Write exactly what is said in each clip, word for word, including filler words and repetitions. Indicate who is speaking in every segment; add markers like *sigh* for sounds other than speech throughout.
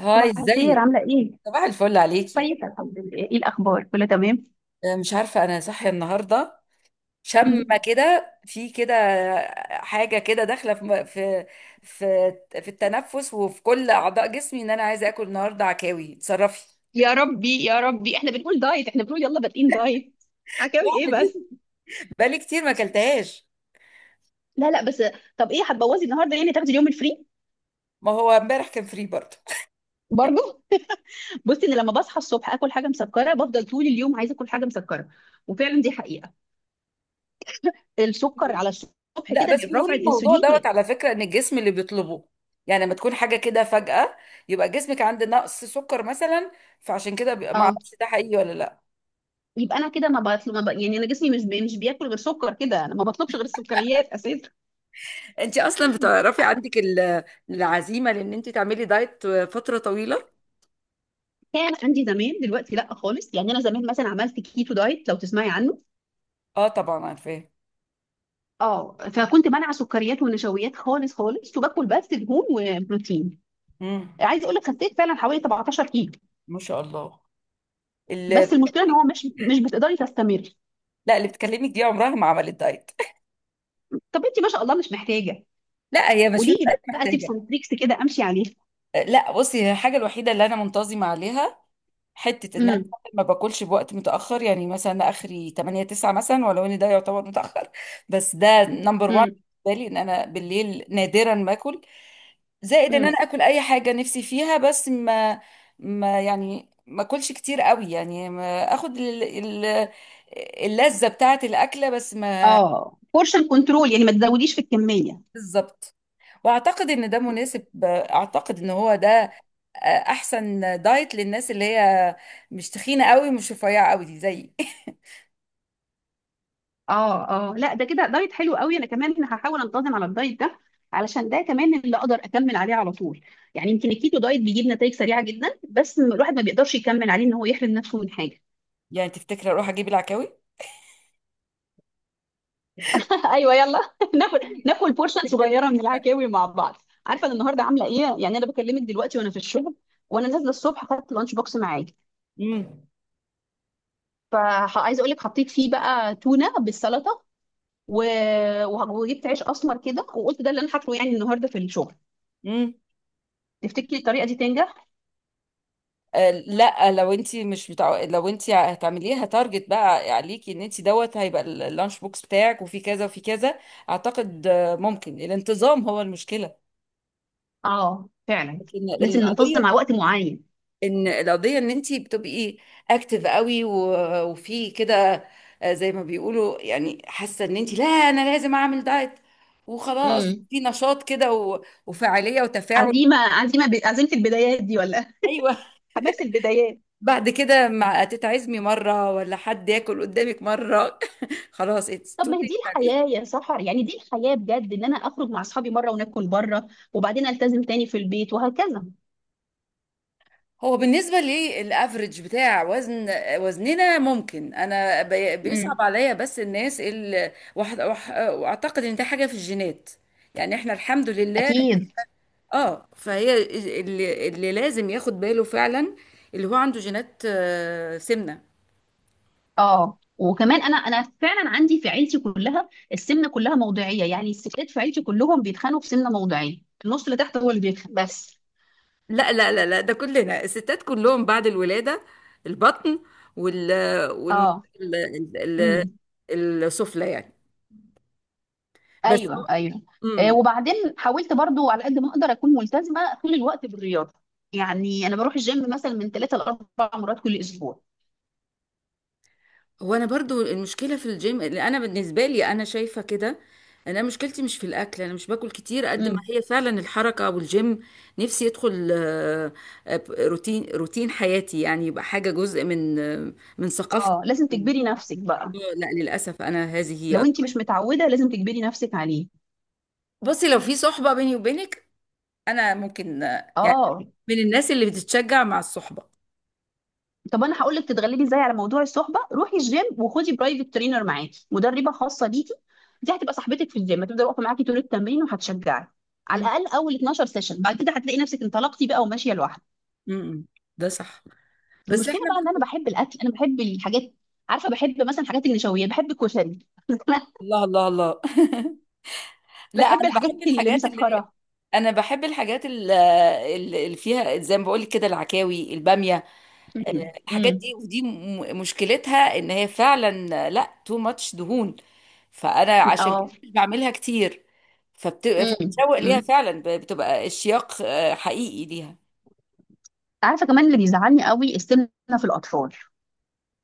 Speaker 1: هاي،
Speaker 2: صباح الخير،
Speaker 1: ازيك؟
Speaker 2: عاملة ايه؟
Speaker 1: صباح الفل عليكي.
Speaker 2: كويسة، الحمد لله. ايه الأخبار؟ كله تمام؟
Speaker 1: آه، مش عارفة أنا صاحية النهاردة. شامة
Speaker 2: *laughs*
Speaker 1: كده في كده، حاجة كده داخلة في م- في في في التنفس وفي كل أعضاء جسمي، إن أنا عايزة آكل النهاردة عكاوي. اتصرفي!
Speaker 2: يا ربي يا ربي، احنا بنقول دايت، احنا بنقول يلا بادئين دايت. عكاوي ايه بس!
Speaker 1: بقالي كتير ما أكلتهاش.
Speaker 2: لا، لا، بس. طب ايه هتبوظي النهارده؟ يعني تاخدي اليوم الفري؟
Speaker 1: ما هو امبارح كان فري برضه.
Speaker 2: برضه. *laughs* بصي، انا لما بصحى الصبح اكل حاجه مسكره بفضل طول اليوم عايزه اكل حاجه مسكره. وفعلا دي حقيقه. السكر على الصبح
Speaker 1: لا
Speaker 2: كده
Speaker 1: بس بيقول
Speaker 2: بيرفع
Speaker 1: الموضوع
Speaker 2: الانسولين
Speaker 1: دوت
Speaker 2: يبقى-
Speaker 1: على فكرة إن الجسم اللي بيطلبه، يعني لما تكون حاجة كده فجأة، يبقى جسمك عنده نقص سكر مثلا. فعشان كده بيبقى- ما
Speaker 2: اه.
Speaker 1: اعرفش ده حقيقي ولا لا.
Speaker 2: يبقى انا كده ما بطلب ما ب... يعني انا جسمي مش بي... مش بياكل غير سكر كده، انا ما بطلبش غير السكريات اساسا.
Speaker 1: انت اصلا بتعرفي عندك ال- العزيمه، لان انت تعملي دايت فتره طويله.
Speaker 2: كان عندي زمان، دلوقتي لا خالص. يعني انا زمان مثلا عملت كيتو دايت، لو تسمعي عنه.
Speaker 1: اه طبعا عارفاه.
Speaker 2: اه، فكنت منع سكريات ونشويات خالص خالص، وباكل بس دهون وبروتين.
Speaker 1: امم
Speaker 2: عايزه اقول لك خسيت فعلا حوالي 17 كيلو.
Speaker 1: ما شاء الله اللي
Speaker 2: بس المشكله ان
Speaker 1: بتكلمك.
Speaker 2: هو مش مش بتقدري تستمري.
Speaker 1: لا اللي بتكلمك دي عمرها ما عملت دايت.
Speaker 2: طب انت ما شاء الله مش محتاجه.
Speaker 1: *laughs* لا هي مش مش
Speaker 2: قولي لي
Speaker 1: دايت
Speaker 2: بقى تيبس
Speaker 1: محتاجه.
Speaker 2: اند تريكس كده امشي عليها.
Speaker 1: لا بصي، هي الحاجه الوحيده اللي انا منتظمه عليها، حته ان انا
Speaker 2: امم.
Speaker 1: ما باكلش بوقت متاخر. يعني مثلا اخري ثمانية تسعة مثلا، ولو ان ده يعتبر متاخر. *laughs* بس ده نمبر واحد
Speaker 2: امم.
Speaker 1: بالنسبه لي، ان انا بالليل نادرا ما اكل. زائد ان
Speaker 2: امم.
Speaker 1: انا اكل اي حاجه نفسي فيها بس ما ما يعني ما اكلش كتير قوي. يعني ما اخد ال- ال- اللذه بتاعه الاكله بس ما.
Speaker 2: اه، بورشن كنترول يعني ما تزوديش في الكميه.
Speaker 1: بالظبط، واعتقد ان ده مناسب. اعتقد ان هو ده احسن دايت للناس اللي هي مش تخينه قوي، مش رفيعه قوي، دي زيي. *laughs*
Speaker 2: اه، اه، لا، ده كده دايت حلو قوي. انا كمان هحاول انتظم على الدايت ده، علشان ده كمان اللي اقدر اكمل عليه على طول. يعني يمكن الكيتو دايت بيجيب نتائج سريعه جدا، بس الواحد ما بيقدرش يكمل عليه ان هو يحرم نفسه من حاجه.
Speaker 1: يعني تفتكري اروح اجيب العكاوي؟
Speaker 2: *laughs* ايوه يلا. *laughs* ناكل ناكل بورشن
Speaker 1: تفتكري؟
Speaker 2: صغيره من العكاوي مع بعض. عارفه انا النهارده عامله ايه؟ يعني انا بكلمك دلوقتي وانا في الشغل، وانا نازله الصبح خدت لانش بوكس معايا.
Speaker 1: امم
Speaker 2: فعايزه اقول لك حطيت فيه بقى تونه بالسلطه و... وجبت عيش اسمر كده، وقلت ده اللي انا هاكله يعني النهارده في الشغل.
Speaker 1: امم
Speaker 2: تفتكري الطريقه دي تنجح؟
Speaker 1: آه لا لو انت مش بتاع. لو انت هتعمليها تارجت، بقى عليكي ان انت دوت هيبقى ال- اللانش بوكس بتاعك وفي كذا وفي كذا. اعتقد آه، ممكن الانتظام هو المشكله.
Speaker 2: اه فعلا.
Speaker 1: لكن
Speaker 2: لازم
Speaker 1: القضيه
Speaker 2: ننتظم على وقت معين.
Speaker 1: ان القضيه ان انت بتبقي اكتف قوي و- وفي كده. آه، زي ما بيقولوا، يعني حاسه ان انت، لا انا لازم اعمل دايت وخلاص،
Speaker 2: امم.
Speaker 1: في نشاط كده و- وفاعليه وتفاعل.
Speaker 2: عزيمه عزيمه ب... عزيمه البدايات دي ولا؟
Speaker 1: ايوه.
Speaker 2: *laughs* حماس البدايات.
Speaker 1: بعد كده مع تيتا عزمي مرة، ولا حد ياكل قدامك مرة، *laughs* خلاص اتس
Speaker 2: طب
Speaker 1: تو
Speaker 2: ما هي دي
Speaker 1: ليت.
Speaker 2: الحياه يا سحر. يعني دي الحياه بجد، ان انا اخرج مع اصحابي مره وناكل بره، وبعدين التزم تاني في البيت وهكذا.
Speaker 1: هو بالنسبة لي الافريج بتاع وزن وزننا، ممكن انا بي- بيصعب
Speaker 2: امم.
Speaker 1: عليا. بس الناس اللي واحد واح- واعتقد ان ده حاجة في الجينات، يعني احنا الحمد لله.
Speaker 2: اكيد.
Speaker 1: اه فهي اللي, اللي لازم ياخد باله فعلا، اللي هو عنده جينات آه، سمنة.
Speaker 2: اه، وكمان انا انا فعلا عندي في عيلتي كلها السمنه كلها موضعيه. يعني الستات في عيلتي كلهم بيتخانقوا في سمنه موضعيه، النص اللي تحت هو اللي بيتخانق بس.
Speaker 1: لا لا لا لا، ده كلنا الستات كلهم بعد الولادة، البطن وال وال
Speaker 2: اه.
Speaker 1: ال- ال-
Speaker 2: امم.
Speaker 1: ال- السفلى يعني. بس هو.
Speaker 2: ايوه، ايوه. آه،
Speaker 1: أمم.
Speaker 2: وبعدين حاولت برضو على قد ما اقدر اكون ملتزمه طول الوقت بالرياضه. يعني انا بروح الجيم مثلا من ثلاثة لاربع مرات كل اسبوع.
Speaker 1: هو انا برضو المشكلة في الجيم. اللي انا بالنسبة لي انا شايفة كده، انا مشكلتي مش في الاكل، انا مش باكل كتير قد ما
Speaker 2: امم.
Speaker 1: هي فعلا الحركة والجيم. نفسي يدخل آه، آه، روتين روتين حياتي، يعني يبقى حاجة جزء من آه، من ثقافتي.
Speaker 2: اه، لازم تجبري نفسك بقى.
Speaker 1: لا للأسف أنا هذه
Speaker 2: لو
Speaker 1: هي.
Speaker 2: انت مش متعوده لازم تجبري نفسك عليه.
Speaker 1: بصي لو في صحبة بيني وبينك، انا ممكن آه، يعني
Speaker 2: اه،
Speaker 1: من الناس اللي بتتشجع مع الصحبه.
Speaker 2: طب انا هقول لك تتغلبي ازاي على موضوع الصحبه. روحي الجيم وخدي برايفت ترينر معاكي، مدربه خاصه ليكي. دي هتبقى صاحبتك في الجيم، هتفضل واقفه معاكي طول التمرين وهتشجعك. على
Speaker 1: مم.
Speaker 2: الاقل اول 12 سيشن، بعد كده هتلاقي نفسك انطلقتي بقى وماشيه لوحدك.
Speaker 1: مم. ده صح، بس
Speaker 2: المشكله
Speaker 1: احنا
Speaker 2: بقى ان انا
Speaker 1: برضو.
Speaker 2: بحب الاكل، انا بحب الحاجات. عارفه بحب مثلا حاجات النشويات، بحب الكشري. *laughs* انا
Speaker 1: الله الله الله. *laughs* لا،
Speaker 2: بحب
Speaker 1: انا
Speaker 2: الحاجات
Speaker 1: بحب
Speaker 2: اللي
Speaker 1: الحاجات اللي
Speaker 2: مسكره.
Speaker 1: انا بحب الحاجات ال- اللي اللي فيها، زي ما بقول لك كده: العكاوي، الباميه، آه،
Speaker 2: *laughs* امم.
Speaker 1: الحاجات دي.
Speaker 2: امم.
Speaker 1: ودي م- مشكلتها ان هي فعلا آه، لا تو ماتش دهون. فانا عشان
Speaker 2: اه.
Speaker 1: كده مش بعملها كتير، فبت...
Speaker 2: امم.
Speaker 1: فبتشوق ليها
Speaker 2: امم.
Speaker 1: فعلا، ب- بتبقى اشتياق آه، حقيقي ليها.
Speaker 2: عارفه كمان اللي بيزعلني قوي السمنه في الاطفال.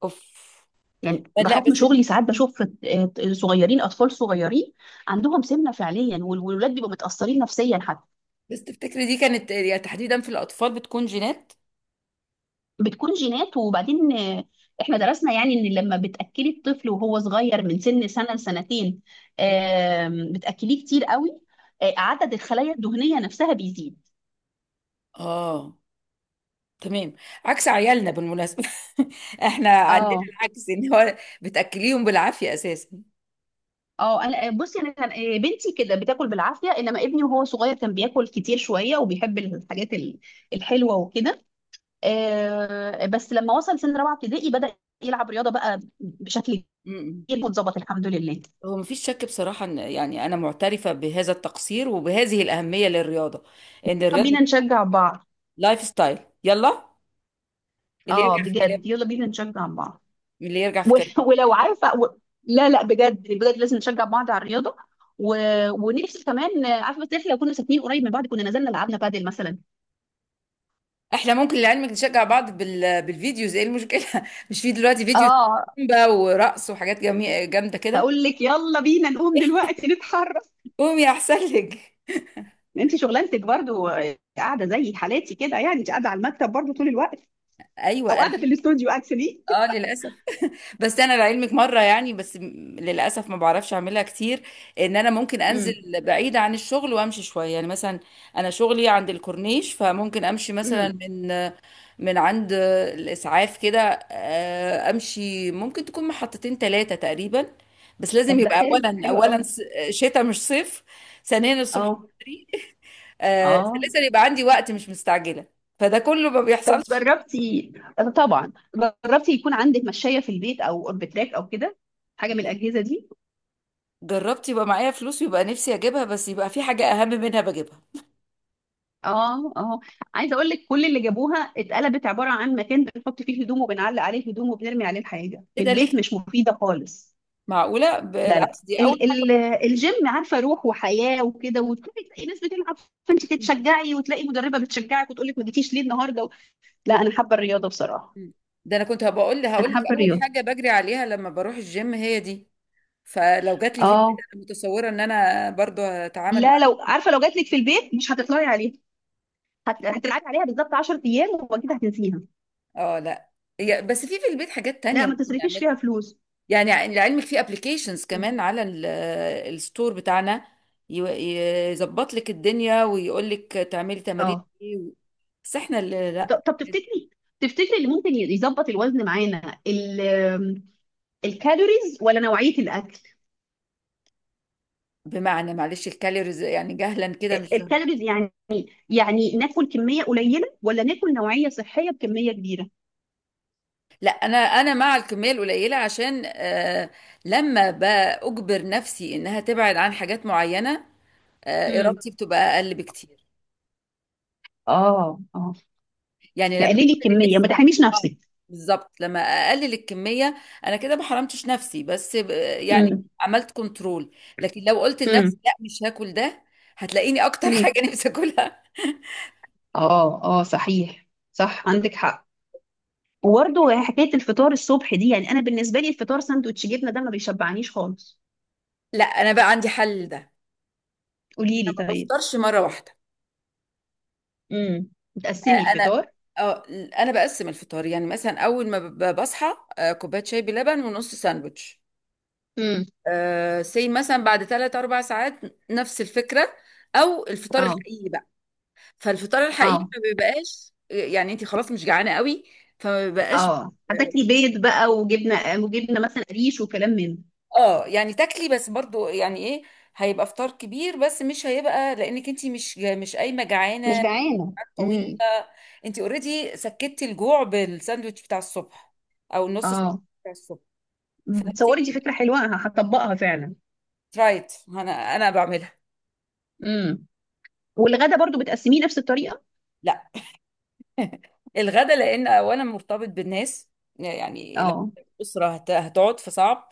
Speaker 1: اوف.
Speaker 2: يعني
Speaker 1: لا
Speaker 2: بحكم
Speaker 1: بس
Speaker 2: شغلي ساعات بشوف آه، صغيرين، اطفال صغيرين عندهم سمنه فعليا، والولاد بيبقوا متاثرين نفسيا حتى.
Speaker 1: بس تفتكري دي كانت، يعني تحديدا في الأطفال بتكون جينات.
Speaker 2: بتكون جينات. وبعدين آه، احنا درسنا، يعني ان لما بتاكلي الطفل وهو صغير من سن سنه لسنتين، آم، بتاكليه كتير قوي، آه، عدد الخلايا الدهنيه نفسها بيزيد.
Speaker 1: اه تمام. عكس عيالنا بالمناسبة. *laughs* احنا عندنا
Speaker 2: اه،
Speaker 1: العكس، ان هو بتأكليهم بالعافية اساسا.
Speaker 2: اه، انا آه، بصي انا كان آه، بنتي كده بتاكل بالعافيه، انما ابني وهو صغير كان بياكل كتير شويه وبيحب الحاجات ال- الحلوه وكده. آه، بس لما وصل سن رابعه ابتدائي بدا يلعب رياضه بقى بشكل
Speaker 1: م-م.
Speaker 2: كبير، واتظبط الحمد لله. يلا
Speaker 1: هو مفيش شك بصراحة، ان يعني انا معترفة بهذا التقصير وبهذه الأهمية للرياضة. ان
Speaker 2: بينا
Speaker 1: الرياضة
Speaker 2: نشجع بعض.
Speaker 1: لايف ستايل. يلا. اللي
Speaker 2: اه
Speaker 1: يرجع في
Speaker 2: بجد،
Speaker 1: كلامه،
Speaker 2: يلا بينا نشجع بعض.
Speaker 1: اللي يرجع في
Speaker 2: ول- *laughs*
Speaker 1: كلامه.
Speaker 2: ولو عارفه و... لا لا بجد بجد لازم نشجع بعض على الرياضه و... ونفسي كمان. آه، عارفه بس احنا لو كنا ساكنين قريب من بعض كنا نزلنا لعبنا بادل مثلا.
Speaker 1: احنا ممكن لعلمك نشجع بعض بال... بالفيديوز. ايه المشكلة؟ *laughs* مش في دلوقتي فيديو
Speaker 2: اه،
Speaker 1: زومبا ورقص وحاجات جميلة جامدة كده؟
Speaker 2: اقول لك يلا بينا نقوم دلوقتي نتحرك.
Speaker 1: قومي احسن لك.
Speaker 2: انت شغلانتك برضو آه، قاعده زي حالاتي كده، يعني انت قاعده على المكتب برضو طول الوقت، او
Speaker 1: ايوه انا
Speaker 2: قاعده في
Speaker 1: فاكره.
Speaker 2: الاستوديو اكشلي.
Speaker 1: اه للاسف. بس انا لعلمك مره، يعني بس م- للاسف ما بعرفش اعملها كتير. ان انا ممكن انزل
Speaker 2: امم.
Speaker 1: بعيد عن الشغل وامشي شويه، يعني مثلا انا شغلي عند الكورنيش، فممكن امشي مثلا
Speaker 2: امم.
Speaker 1: من من عند الاسعاف كده. آه، امشي، ممكن تكون محطتين ثلاثه تقريبا. بس
Speaker 2: *laughs*
Speaker 1: لازم
Speaker 2: طب ده
Speaker 1: يبقى
Speaker 2: حلو،
Speaker 1: اولا
Speaker 2: حلو
Speaker 1: اولا
Speaker 2: قوي.
Speaker 1: س- شتاء مش صيف، ثانيا الصبح
Speaker 2: اه
Speaker 1: بدري، آه،
Speaker 2: اه.
Speaker 1: ثالثا يبقى عندي وقت مش مستعجله. فده كله ما
Speaker 2: طب
Speaker 1: بيحصلش.
Speaker 2: جربتي؟ طبعا. جربتي يكون عندك مشاية في البيت او اوربتراك او كده، حاجه من الاجهزه دي؟
Speaker 1: جربت، يبقى معايا فلوس ويبقى نفسي اجيبها، بس يبقى في حاجة اهم منها بجيبها.
Speaker 2: اه اه. عايزه اقول لك كل اللي جابوها اتقلبت عباره عن مكان بنحط فيه هدوم، وبنعلق عليه هدوم، وبنرمي عليه الحاجه. في
Speaker 1: ايه ده ليه
Speaker 2: البيت
Speaker 1: كده؟
Speaker 2: مش مفيده خالص.
Speaker 1: معقولة؟
Speaker 2: لا، لا،
Speaker 1: بالعكس دي اول
Speaker 2: ال
Speaker 1: حاجة.
Speaker 2: ال الجيم عارفه روح وحياه وكده، وتلاقي تلاقي ناس بتلعب، فانت تتشجعي وتلاقي مدربه بتشجعك وتقول لك ما جيتيش ليه النهارده. لا انا حابه الرياضه بصراحه.
Speaker 1: مم. ده انا كنت هبقول
Speaker 2: انا
Speaker 1: هقول لك
Speaker 2: حابه
Speaker 1: اول
Speaker 2: الرياضه.
Speaker 1: حاجة بجري عليها لما بروح الجيم هي دي. فلو جات لي في البيت،
Speaker 2: اه
Speaker 1: انا متصورة ان انا برضو هتعامل
Speaker 2: لا،
Speaker 1: معاها.
Speaker 2: لو عارفه لو جات لك في البيت مش هتطلعي عليها. هت... هتلعبي عليها بالظبط 10 ايام، وبعد كده هتنسيها.
Speaker 1: اه لا. هي- بس في في البيت حاجات
Speaker 2: لا،
Speaker 1: تانية
Speaker 2: ما
Speaker 1: ممكن
Speaker 2: تصرفيش
Speaker 1: نعملها.
Speaker 2: فيها فلوس.
Speaker 1: يعني لعلمك في ابلكيشنز كمان على ال- الستور بتاعنا، ي- يظبط لك الدنيا ويقول لك تعملي تمارين
Speaker 2: اه،
Speaker 1: ايه. بس احنا اللي لا.
Speaker 2: ده- طب تفتكري، تفتكري اللي ممكن يظبط الوزن معانا، ال- الكالوريز ولا نوعية الأكل؟
Speaker 1: بمعنى معلش الكالوريز، يعني جهلا كده
Speaker 2: ال-
Speaker 1: مش فاهمة.
Speaker 2: الكالوريز يعني، يعني ناكل كمية قليلة ولا ناكل نوعية صحية بكمية كبيرة؟
Speaker 1: لا، انا انا مع الكميه القليله، عشان آه لما باجبر نفسي انها تبعد عن حاجات معينه، آه
Speaker 2: امم.
Speaker 1: ارادتي بتبقى اقل بكتير.
Speaker 2: اه اه،
Speaker 1: يعني لما
Speaker 2: تقللي
Speaker 1: اكل
Speaker 2: الكمية ما
Speaker 1: لنفسي.
Speaker 2: تحرميش
Speaker 1: اه
Speaker 2: نفسك.
Speaker 1: بالظبط، لما اقلل الكميه انا كده ما حرمتش نفسي، بس ب- يعني
Speaker 2: امم.
Speaker 1: عملت كنترول. لكن لو قلت لنفسي
Speaker 2: امم.
Speaker 1: لا مش هاكل ده، هتلاقيني اكتر *laughs* حاجه
Speaker 2: امم.
Speaker 1: نفسي اكلها. *laughs*
Speaker 2: اه اه، صحيح، صح عندك حق. وبرضه حكاية الفطار الصبح دي، يعني أنا بالنسبة لي الفطار ساندوتش جبنة ده ما بيشبعنيش خالص.
Speaker 1: لا انا بقى عندي حل ده.
Speaker 2: قولي لي
Speaker 1: أنا ما
Speaker 2: طيب.
Speaker 1: بفطرش مره واحده.
Speaker 2: امم. بتقسمي
Speaker 1: انا
Speaker 2: الفطار؟
Speaker 1: اه انا بقسم الفطار. يعني مثلا اول ما ب- بصحى، آه، كوبايه شاي بلبن ونص ساندوتش.
Speaker 2: امم.
Speaker 1: أه سي مثلا بعد ثلاث اربع ساعات نفس الفكره. او الفطار
Speaker 2: اه
Speaker 1: الحقيقي بقى، فالفطار الحقيقي
Speaker 2: اه
Speaker 1: ما بيبقاش. يعني انت خلاص مش جعانه قوي، فما بيبقاش.
Speaker 2: اه،
Speaker 1: اه
Speaker 2: هتاكلي بيض بقى وجبنه، وجبنه مثلا قريش وكلام من ده.
Speaker 1: آه، يعني تاكلي بس برضو، يعني ايه، هيبقى فطار كبير بس مش هيبقى، لانك انت مش مش قايمه
Speaker 2: مش
Speaker 1: جعانه
Speaker 2: جعانة. امم.
Speaker 1: طويله. انت اوريدي سكتي الجوع بالساندوتش بتاع الصبح او النص ساندوتش
Speaker 2: اه.
Speaker 1: بتاع الصبح،
Speaker 2: تصوري
Speaker 1: فبتيجي
Speaker 2: دي فكره حلوه، ه- هطبقها فعلا.
Speaker 1: ترايت. انا انا بعملها.
Speaker 2: امم. والغدا برضو بتقسميه نفس الطريقه؟
Speaker 1: لا، الغدا لان اولا مرتبط بالناس. يعني لو
Speaker 2: اه.
Speaker 1: الاسره هت- هتقعد، فصعب.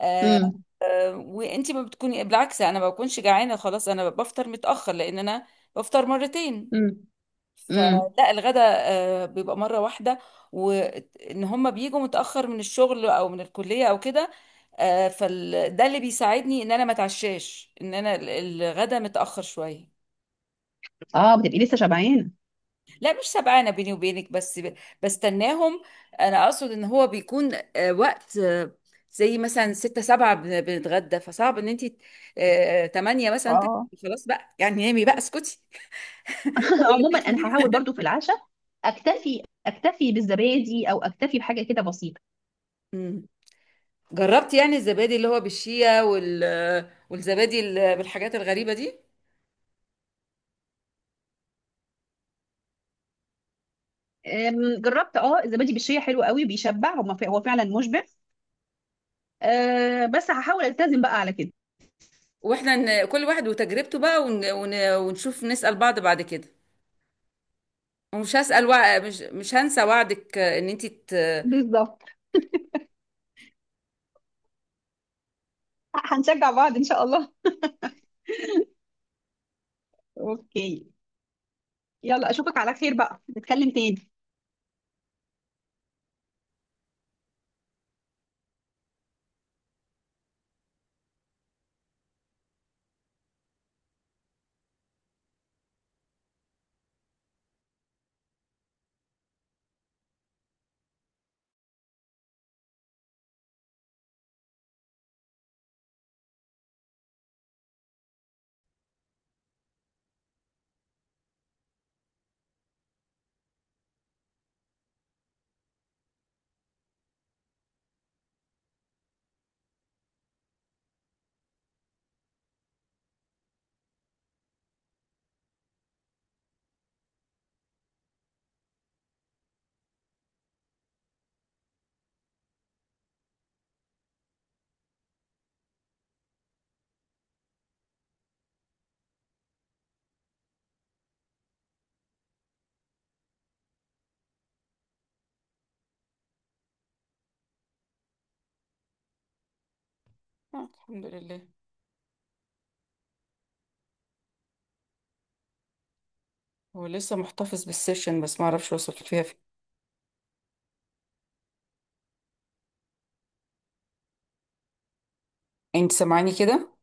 Speaker 1: آه
Speaker 2: امم.
Speaker 1: آه وانت ما بتكوني، بالعكس انا ما بكونش جعانه خلاص. انا بفطر متاخر، لان انا بفطر مرتين.
Speaker 2: امم. امم.
Speaker 1: فلا الغداء آه، بيبقى مرة واحدة. وان هم بيجوا متأخر من الشغل او من الكلية او كده. آه، فال ده اللي بيساعدني ان انا ما اتعشاش، ان انا ال- الغدا متأخر شوية.
Speaker 2: اه بتبقي لسه شبعانه.
Speaker 1: لا مش سبعانة بيني وبينك، بس ب- بستناهم. انا اقصد ان هو بيكون آه، وقت آه، زي مثلا ستة سبعة بن- بنتغدى. فصعب ان انت آه، تمانية
Speaker 2: *laughs*
Speaker 1: مثلا تاكلي.
Speaker 2: اه،
Speaker 1: خلاص بقى، يعني نامي بقى اسكتي. *laughs* بقول لك
Speaker 2: عموما انا هحاول
Speaker 1: تاكلي.
Speaker 2: برضو في العشاء اكتفي اكتفي بالزبادي او اكتفي بحاجه كده بسيطه.
Speaker 1: *laughs* جربت يعني الزبادي اللي هو بالشيا، وال والزبادي ال- بالحاجات الغريبة دي.
Speaker 2: أم، جربت اه الزبادي بالشيا حلو قوي بيشبع، هو هو فعلا مشبع. أه، بس هحاول التزم بقى على كده.
Speaker 1: واحنا ن- كل واحد وتجربته بقى، ون... ون... ونشوف نسأل بعض بعد كده. ومش هسأل وع... مش مش هنسى وعدك، ان انت ت... آه،
Speaker 2: بالظبط. هنشجع بعض إن شاء الله. أوكي. يلا أشوفك على خير بقى، نتكلم تاني.
Speaker 1: الحمد لله. هو لسه محتفظ بالسيشن، بس ما اعرفش وصل فيها فين. انت سامعاني كده؟